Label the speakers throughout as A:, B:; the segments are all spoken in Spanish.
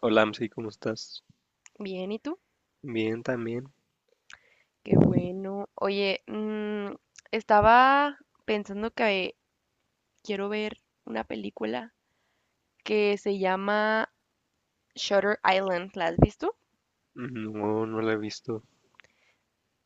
A: Hola, Amsi, ¿cómo estás?
B: Bien, ¿y tú?
A: Bien, también.
B: Qué bueno. Oye, estaba pensando que quiero ver una película que se llama Shutter Island. ¿La has visto?
A: No, no la he visto.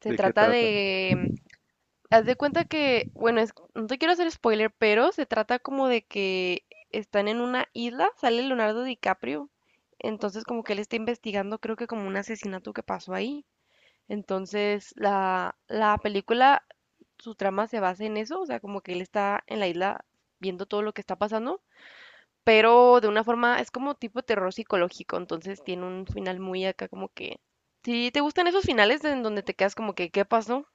B: Se
A: ¿De qué
B: trata
A: trata?
B: de... Haz de cuenta que, bueno, no te quiero hacer spoiler, pero se trata como de que están en una isla, sale Leonardo DiCaprio, entonces como que él está investigando, creo que como un asesinato que pasó ahí. Entonces, la película, su trama se basa en eso, o sea, como que él está en la isla viendo todo lo que está pasando, pero de una forma es como tipo terror psicológico, entonces tiene un final muy acá como que... Si te gustan esos finales en donde te quedas como que, ¿qué pasó?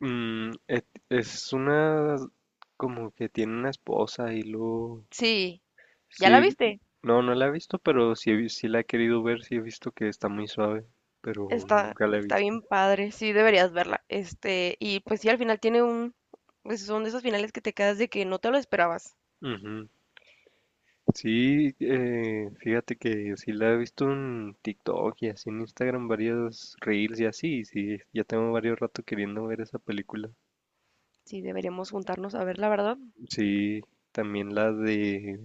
A: Es una... como que tiene una esposa y luego...
B: Sí, ¿ya la
A: Sí,
B: viste?
A: no la he visto, pero sí, sí la he querido ver, sí he visto que está muy suave, pero
B: Está,
A: nunca la he
B: está
A: visto.
B: bien padre, sí deberías verla. Este, y pues sí, al final tiene un... pues, son de esos finales que te quedas de que no te lo esperabas.
A: Ujú. Sí, fíjate que sí la he visto en TikTok y así en Instagram, varios reels y así, y sí, ya tengo varios rato queriendo ver esa película.
B: Sí, deberíamos juntarnos a ver, la verdad.
A: Sí, también la de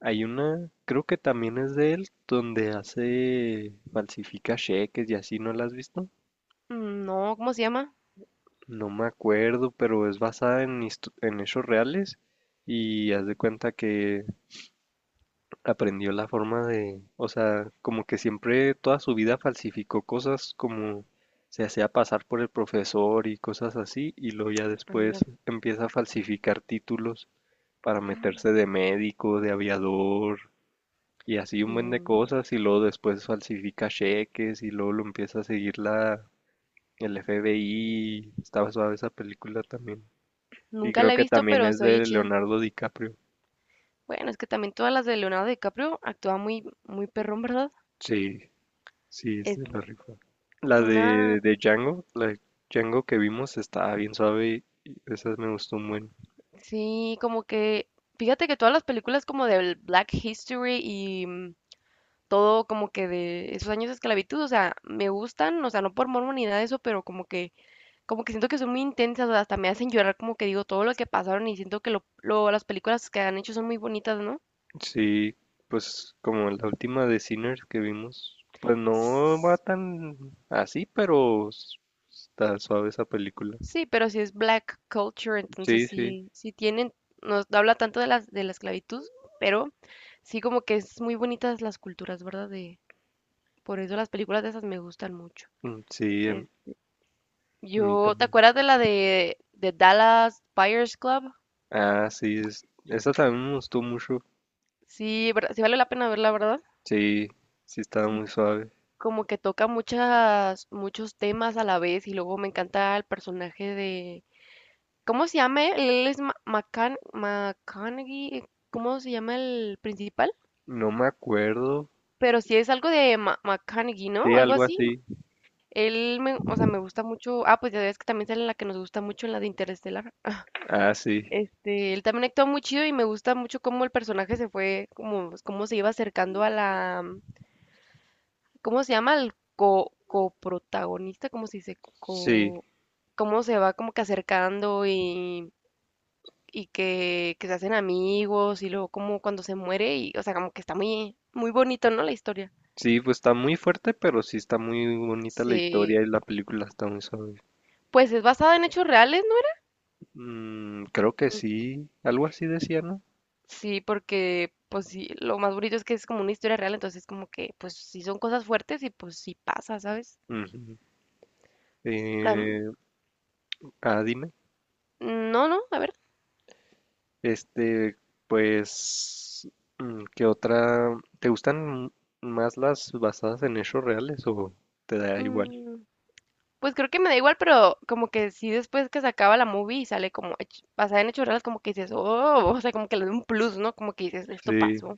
A: hay una, creo que también es de él, donde hace, falsifica cheques y así, ¿no la has visto?
B: Mm, no, ¿cómo se llama?
A: No me acuerdo, pero es basada en, en hechos reales y haz de cuenta que aprendió la forma de, o sea, como que siempre toda su vida falsificó cosas como se hacía pasar por el profesor y cosas así y luego ya después empieza a falsificar títulos para meterse de médico, de aviador, y así un buen de
B: No,
A: cosas y luego después falsifica cheques y luego lo empieza a seguir la el FBI. Estaba suave esa película también. Y
B: nunca
A: creo
B: la he
A: que
B: visto,
A: también
B: pero
A: es
B: se oye
A: de
B: chida.
A: Leonardo DiCaprio.
B: Bueno, es que también todas las de Leonardo DiCaprio actúa muy, muy perrón, ¿verdad?
A: Sí, sí, es
B: Es
A: de la rifa. La
B: una,
A: de Django, la de Django que vimos estaba bien suave y esa me gustó un buen.
B: sí, como que, fíjate que todas las películas como del Black History y todo como que de esos años de esclavitud, o sea, me gustan, o sea, no por morbo ni nada de eso, pero como que siento que son muy intensas, o sea, hasta me hacen llorar, como que digo, todo lo que pasaron y siento que las películas que han hecho son muy bonitas, ¿no?
A: Sí, pues como la última de Sinners que vimos, pues no va tan así, está suave esa película.
B: Sí, pero si es black culture, entonces
A: Sí, sí.
B: sí, sí tienen, no habla tanto de la esclavitud, pero sí como que es muy bonitas las culturas, ¿verdad? De, por eso las películas de esas me gustan mucho.
A: Sí,
B: Eh,
A: a mí
B: yo, ¿te
A: también.
B: acuerdas de la de Dallas Buyers Club?
A: Ah, sí, esa también me gustó mucho.
B: Sí, sí vale la pena verla, ¿verdad?
A: Sí, sí estaba
B: Sí,
A: muy suave.
B: como que toca muchos temas a la vez y luego me encanta el personaje de, ¿cómo se llama él? Él es McConaughey, ¿cómo se llama el principal?
A: No me acuerdo.
B: Pero si es algo de McConaughey, ¿no?
A: Sí,
B: Algo
A: algo
B: así.
A: así.
B: Él me, o sea, me gusta mucho. Ah, pues ya ves que también sale la que nos gusta mucho, en la de Interestelar.
A: Ah, sí.
B: Este, él también actúa muy chido y me gusta mucho cómo el personaje se fue, como, pues, cómo se iba acercando a la, ¿cómo se llama? Al coprotagonista, ¿cómo se dice?
A: Sí,
B: Co, cómo se va como que acercando y, que se hacen amigos y luego como cuando se muere y, o sea, como que está muy, muy bonito, ¿no? La historia.
A: sí, pues está muy fuerte, pero sí está muy bonita la
B: Sí.
A: historia y la película está muy suave.
B: Pues es basada en hechos reales, ¿no?
A: Mm, creo que sí, algo así decía, ¿no?
B: Sí, porque pues sí, lo más bonito es que es como una historia real, entonces como que pues sí son cosas fuertes y pues sí pasa, ¿sabes?
A: Ujú.
B: Tam-
A: Eh, ah, dime.
B: no, no, a ver.
A: Este, pues, ¿qué otra? ¿Te gustan más las basadas en hechos reales o te da igual?
B: Mm, pues creo que me da igual, pero como que sí después que se acaba la movie y sale como basada en hechos reales, como que dices, oh, o sea, como que le da un plus, ¿no? Como que dices, esto
A: Sí,
B: pasó.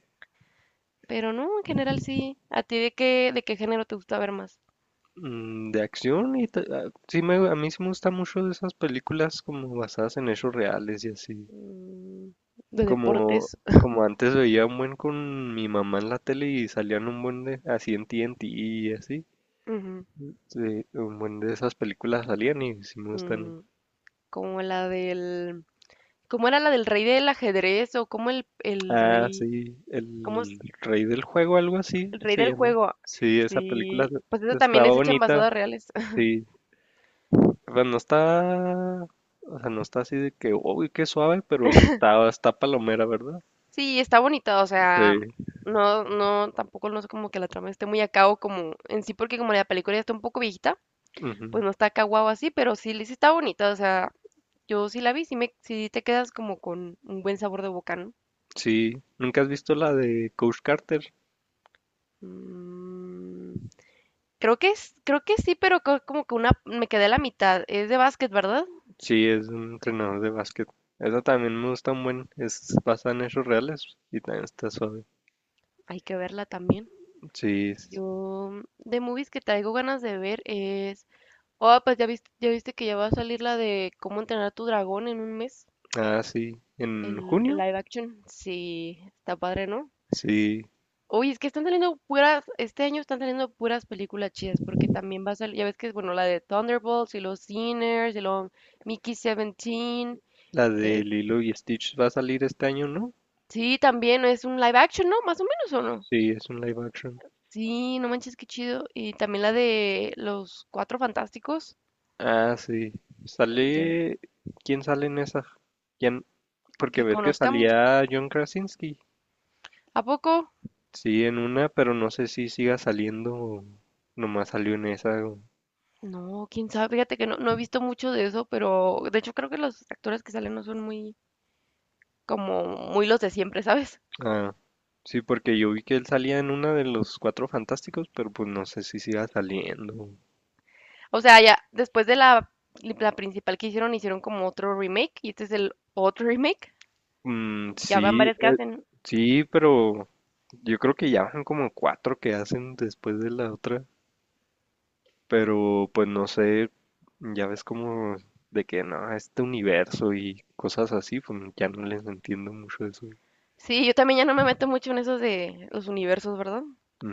B: Pero no, en general sí. ¿A ti de de qué género te gusta ver más?
A: de acción y sí me, a mí sí me gustan mucho de esas películas como basadas en hechos reales y así.
B: Mm, de
A: Como,
B: deportes.
A: como antes veía un buen con mi mamá en la tele y salían un buen de así en TNT y así.
B: Ujú,
A: Sí, un buen de esas películas salían y sí me gustan.
B: mm, como la del... ¿Cómo era la del rey del ajedrez? ¿O cómo el
A: Ah,
B: rey,
A: sí,
B: cómo es
A: El Rey del Juego, algo así
B: el rey
A: se
B: del
A: llama.
B: juego?
A: Sí, esa película
B: Sí, pues eso también
A: estaba
B: es hecha en
A: bonita.
B: basadas reales.
A: Sí, pero no está, o sea, no está así de que, uy, qué suave, pero pues está palomera, ¿verdad?
B: Sí, está bonita, o sea,
A: Sí.
B: no, no, tampoco no es como que la trama esté muy a cabo como en sí, porque como la película ya está un poco viejita, pues
A: Ujú.
B: no está acá guau así, pero sí, sí está bonita, o sea, yo sí la vi, sí, me, sí te quedas como con un buen sabor de boca, ¿no?
A: Sí, ¿nunca has visto la de Coach Carter?
B: Mm, creo que es, creo que sí, pero como que una, me quedé a la mitad, es de básquet, ¿verdad?
A: Sí, es un entrenador de básquet. Esa también me gusta un buen, es basada en hechos reales y también está suave.
B: Hay que verla también.
A: Sí, s-
B: Yo, de movies que traigo ganas de ver es. Oh, pues ya viste que ya va a salir la de cómo entrenar a tu dragón en un mes.
A: ah, sí, en
B: El
A: junio.
B: live action. Sí, está padre, ¿no?
A: Sí,
B: Oye, es que están saliendo puras. Este año están saliendo puras películas chidas. Porque también va a salir. Ya ves que es, bueno, la de Thunderbolts y los Sinners y los Mickey 17.
A: la de
B: Eh,
A: Lilo y Stitch va a salir este año, ¿no?
B: sí, también es un live action, ¿no? Más o menos, ¿o no?
A: Sí, es un live action.
B: Sí, no manches, qué chido. Y también la de los Cuatro Fantásticos.
A: Ah, sí.
B: Ya,
A: Sale... ¿Quién sale en esa? ¿Quién? Porque
B: que
A: ves que
B: conozcamos.
A: salía John Krasinski.
B: ¿A poco?
A: Sí, en una, pero no sé si siga saliendo o nomás salió en esa.
B: No, quién sabe, fíjate que no, no he visto mucho de eso, pero de hecho creo que los actores que salen no son muy, como, muy los de siempre, ¿sabes?
A: Ah, sí, porque yo vi que él salía en una de los Cuatro Fantásticos, pero pues no sé si siga saliendo.
B: O sea, ya después de la principal que hicieron, hicieron como otro remake y este es el otro remake.
A: Mm,
B: Ya van
A: sí,
B: varias que
A: eh,
B: hacen.
A: sí, pero yo creo que ya van como cuatro que hacen después de la otra. Pero pues no sé, ya ves como de que no, este universo y cosas así, pues ya no les entiendo mucho eso.
B: Sí, yo también ya no me meto mucho en esos de los universos, ¿verdad?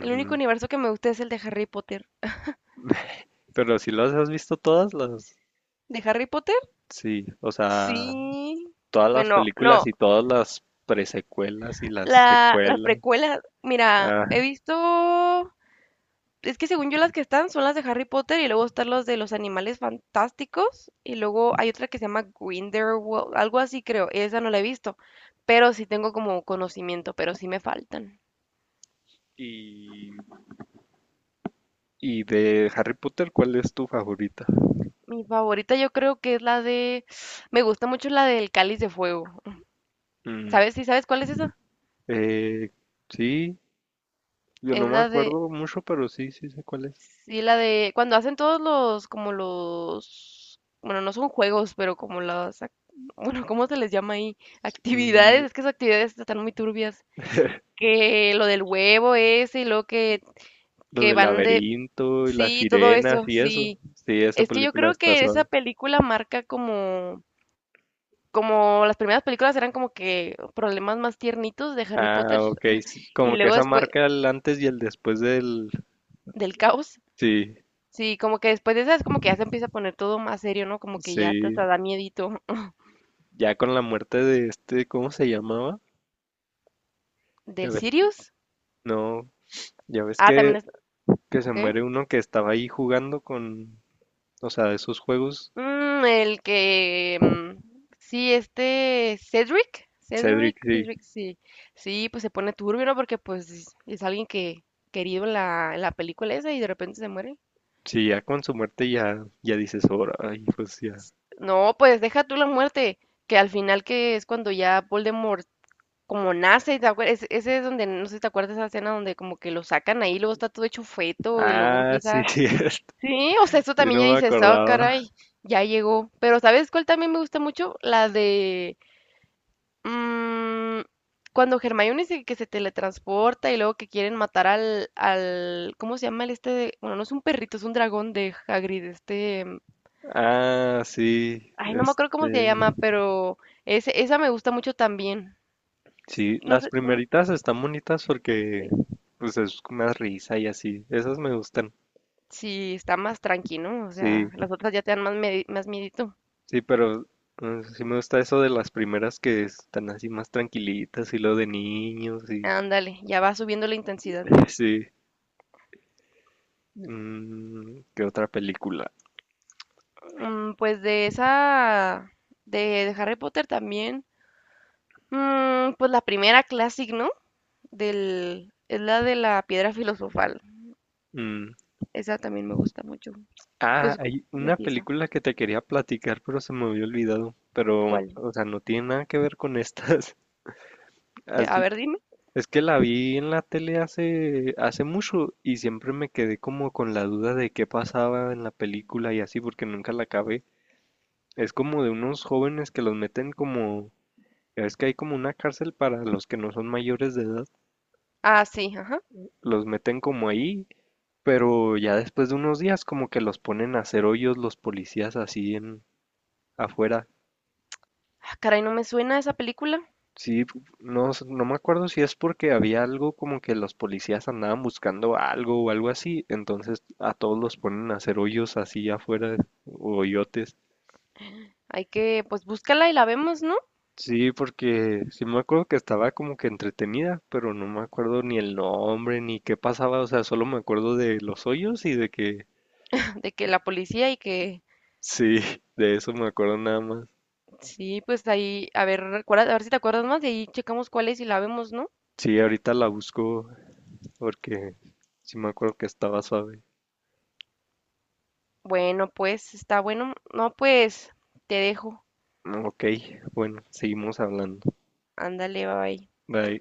B: El único universo que me gusta es el de Harry Potter.
A: Pero si las has visto todas las,
B: ¿De Harry Potter?
A: sí, o sea,
B: Sí.
A: todas las
B: Bueno,
A: películas
B: no,
A: y todas las presecuelas y las
B: las
A: secuelas.
B: precuelas, mira, he
A: Ah,
B: visto. Es que según yo las que están son las de Harry Potter y luego están los de los animales fantásticos y luego hay otra que se llama Grindelwald, algo así creo, esa no la he visto, pero sí tengo como conocimiento, pero sí me faltan.
A: y, y de Harry Potter, ¿cuál es tu favorita?
B: Mi favorita yo creo que es la de, me gusta mucho la del Cáliz de Fuego.
A: Mm,
B: ¿Sabes? ¿Sí sabes cuál es esa?
A: eh, sí, yo
B: Es
A: no me
B: la de,
A: acuerdo mucho, pero sí, sí sé cuál es.
B: sí, la de cuando hacen todos los, como los, bueno, no son juegos, pero como las, bueno, ¿cómo se les llama ahí?
A: Mm,
B: Actividades, es que esas actividades están muy turbias. Que lo del huevo ese y lo
A: lo
B: que
A: del
B: van de...
A: laberinto y las
B: Sí, todo eso,
A: sirenas y eso.
B: sí.
A: Sí, esa
B: Es que yo
A: película
B: creo
A: está
B: que esa
A: suave.
B: película marca como... Como las primeras películas eran como que problemas más tiernitos de Harry
A: Ah,
B: Potter
A: ok, sí,
B: y
A: como que
B: luego
A: esa
B: después
A: marca el antes y el después del...
B: del caos.
A: Sí,
B: Sí, como que después de esa es como que ya se empieza a poner todo más serio, ¿no? Como que ya te
A: sí.
B: hasta da miedito.
A: Ya con la muerte de este, ¿cómo se llamaba? Ya
B: ¿Del
A: ves.
B: Sirius?
A: No, ya ves
B: Ah, también es...
A: que se
B: ¿Qué?
A: muere uno que estaba ahí jugando con... O sea, de esos juegos.
B: Mm, el que... mm, sí, este Cedric. Cedric,
A: Cedric, sí.
B: Cedric, sí. Sí, pues se pone turbio, ¿no? Porque pues es alguien que querido en la película esa y de repente se muere.
A: Sí, ya con su muerte ya, ya dices, ahora, ay, pues ya.
B: No, pues deja tú la muerte, que al final que es cuando ya Voldemort como nace, ¿te ese, es donde, no sé si te acuerdas de esa escena donde como que lo sacan ahí, luego está todo hecho feto y luego
A: Ah, sí,
B: empieza... Sí, o sea,
A: sí, sí,
B: eso también ya
A: no me
B: dices, oh,
A: acordaba.
B: caray, ya llegó. Pero ¿sabes cuál también me gusta mucho? La de... Mm, cuando Hermione dice que se teletransporta y luego que quieren matar al ¿cómo se llama el este? Bueno, no es un perrito, es un dragón de Hagrid, este,
A: Ah, sí,
B: ay, no me acuerdo
A: este...
B: cómo se llama, pero esa me gusta mucho también.
A: Sí,
B: No
A: las
B: sé,
A: primeritas están bonitas porque
B: sí,
A: pues es más risa y así. Esas me gustan.
B: sí, está más tranquilo, o sea,
A: Sí,
B: las otras ya te dan más, más miedito.
A: sí, pero sí me gusta eso de las primeras que están así más tranquilitas y lo de niños y
B: Ándale, ya va subiendo la intensidad, ¿no?
A: sí. Mm, ¿qué otra película?
B: Pues de esa, de, de Harry Potter también, pues la primera Classic, ¿no? Del, es la de la piedra filosofal.
A: Mm,
B: Esa también me gusta mucho.
A: ah,
B: Pues, ¿cómo
A: hay una
B: empieza?
A: película que te quería platicar, pero se me había olvidado. Pero,
B: ¿Cuál?
A: o sea, no tiene nada que ver con estas.
B: De,
A: ¿Has,
B: a ver, dime.
A: es que la vi en la tele hace, hace mucho y siempre me quedé como con la duda de qué pasaba en la película y así porque nunca la acabé. Es como de unos jóvenes que los meten como, ya ves que hay como una cárcel para los que no son mayores de edad,
B: Ah, sí, ajá.
A: los meten como ahí, pero ya después de unos días como que los ponen a hacer hoyos los policías así en afuera.
B: Ah, caray, no me suena esa película.
A: No me acuerdo si es porque había algo como que los policías andaban buscando algo o algo así, entonces a todos los ponen a hacer hoyos así afuera, o hoyotes.
B: Hay que, pues, búscala y la vemos, ¿no?
A: Sí, porque sí me acuerdo que estaba como que entretenida, pero no me acuerdo ni el nombre ni qué pasaba, o sea, solo me acuerdo de los hoyos y de que
B: De que la policía y que...
A: sí, de eso me acuerdo nada más.
B: Sí, pues ahí, a ver, a ver si te acuerdas más, de ahí checamos cuál es y la vemos, ¿no?
A: Sí, ahorita la busco porque sí me acuerdo que estaba suave.
B: Bueno, pues, está bueno. No, pues, te dejo.
A: Ok, bueno, seguimos hablando.
B: Ándale, bye.
A: Bye.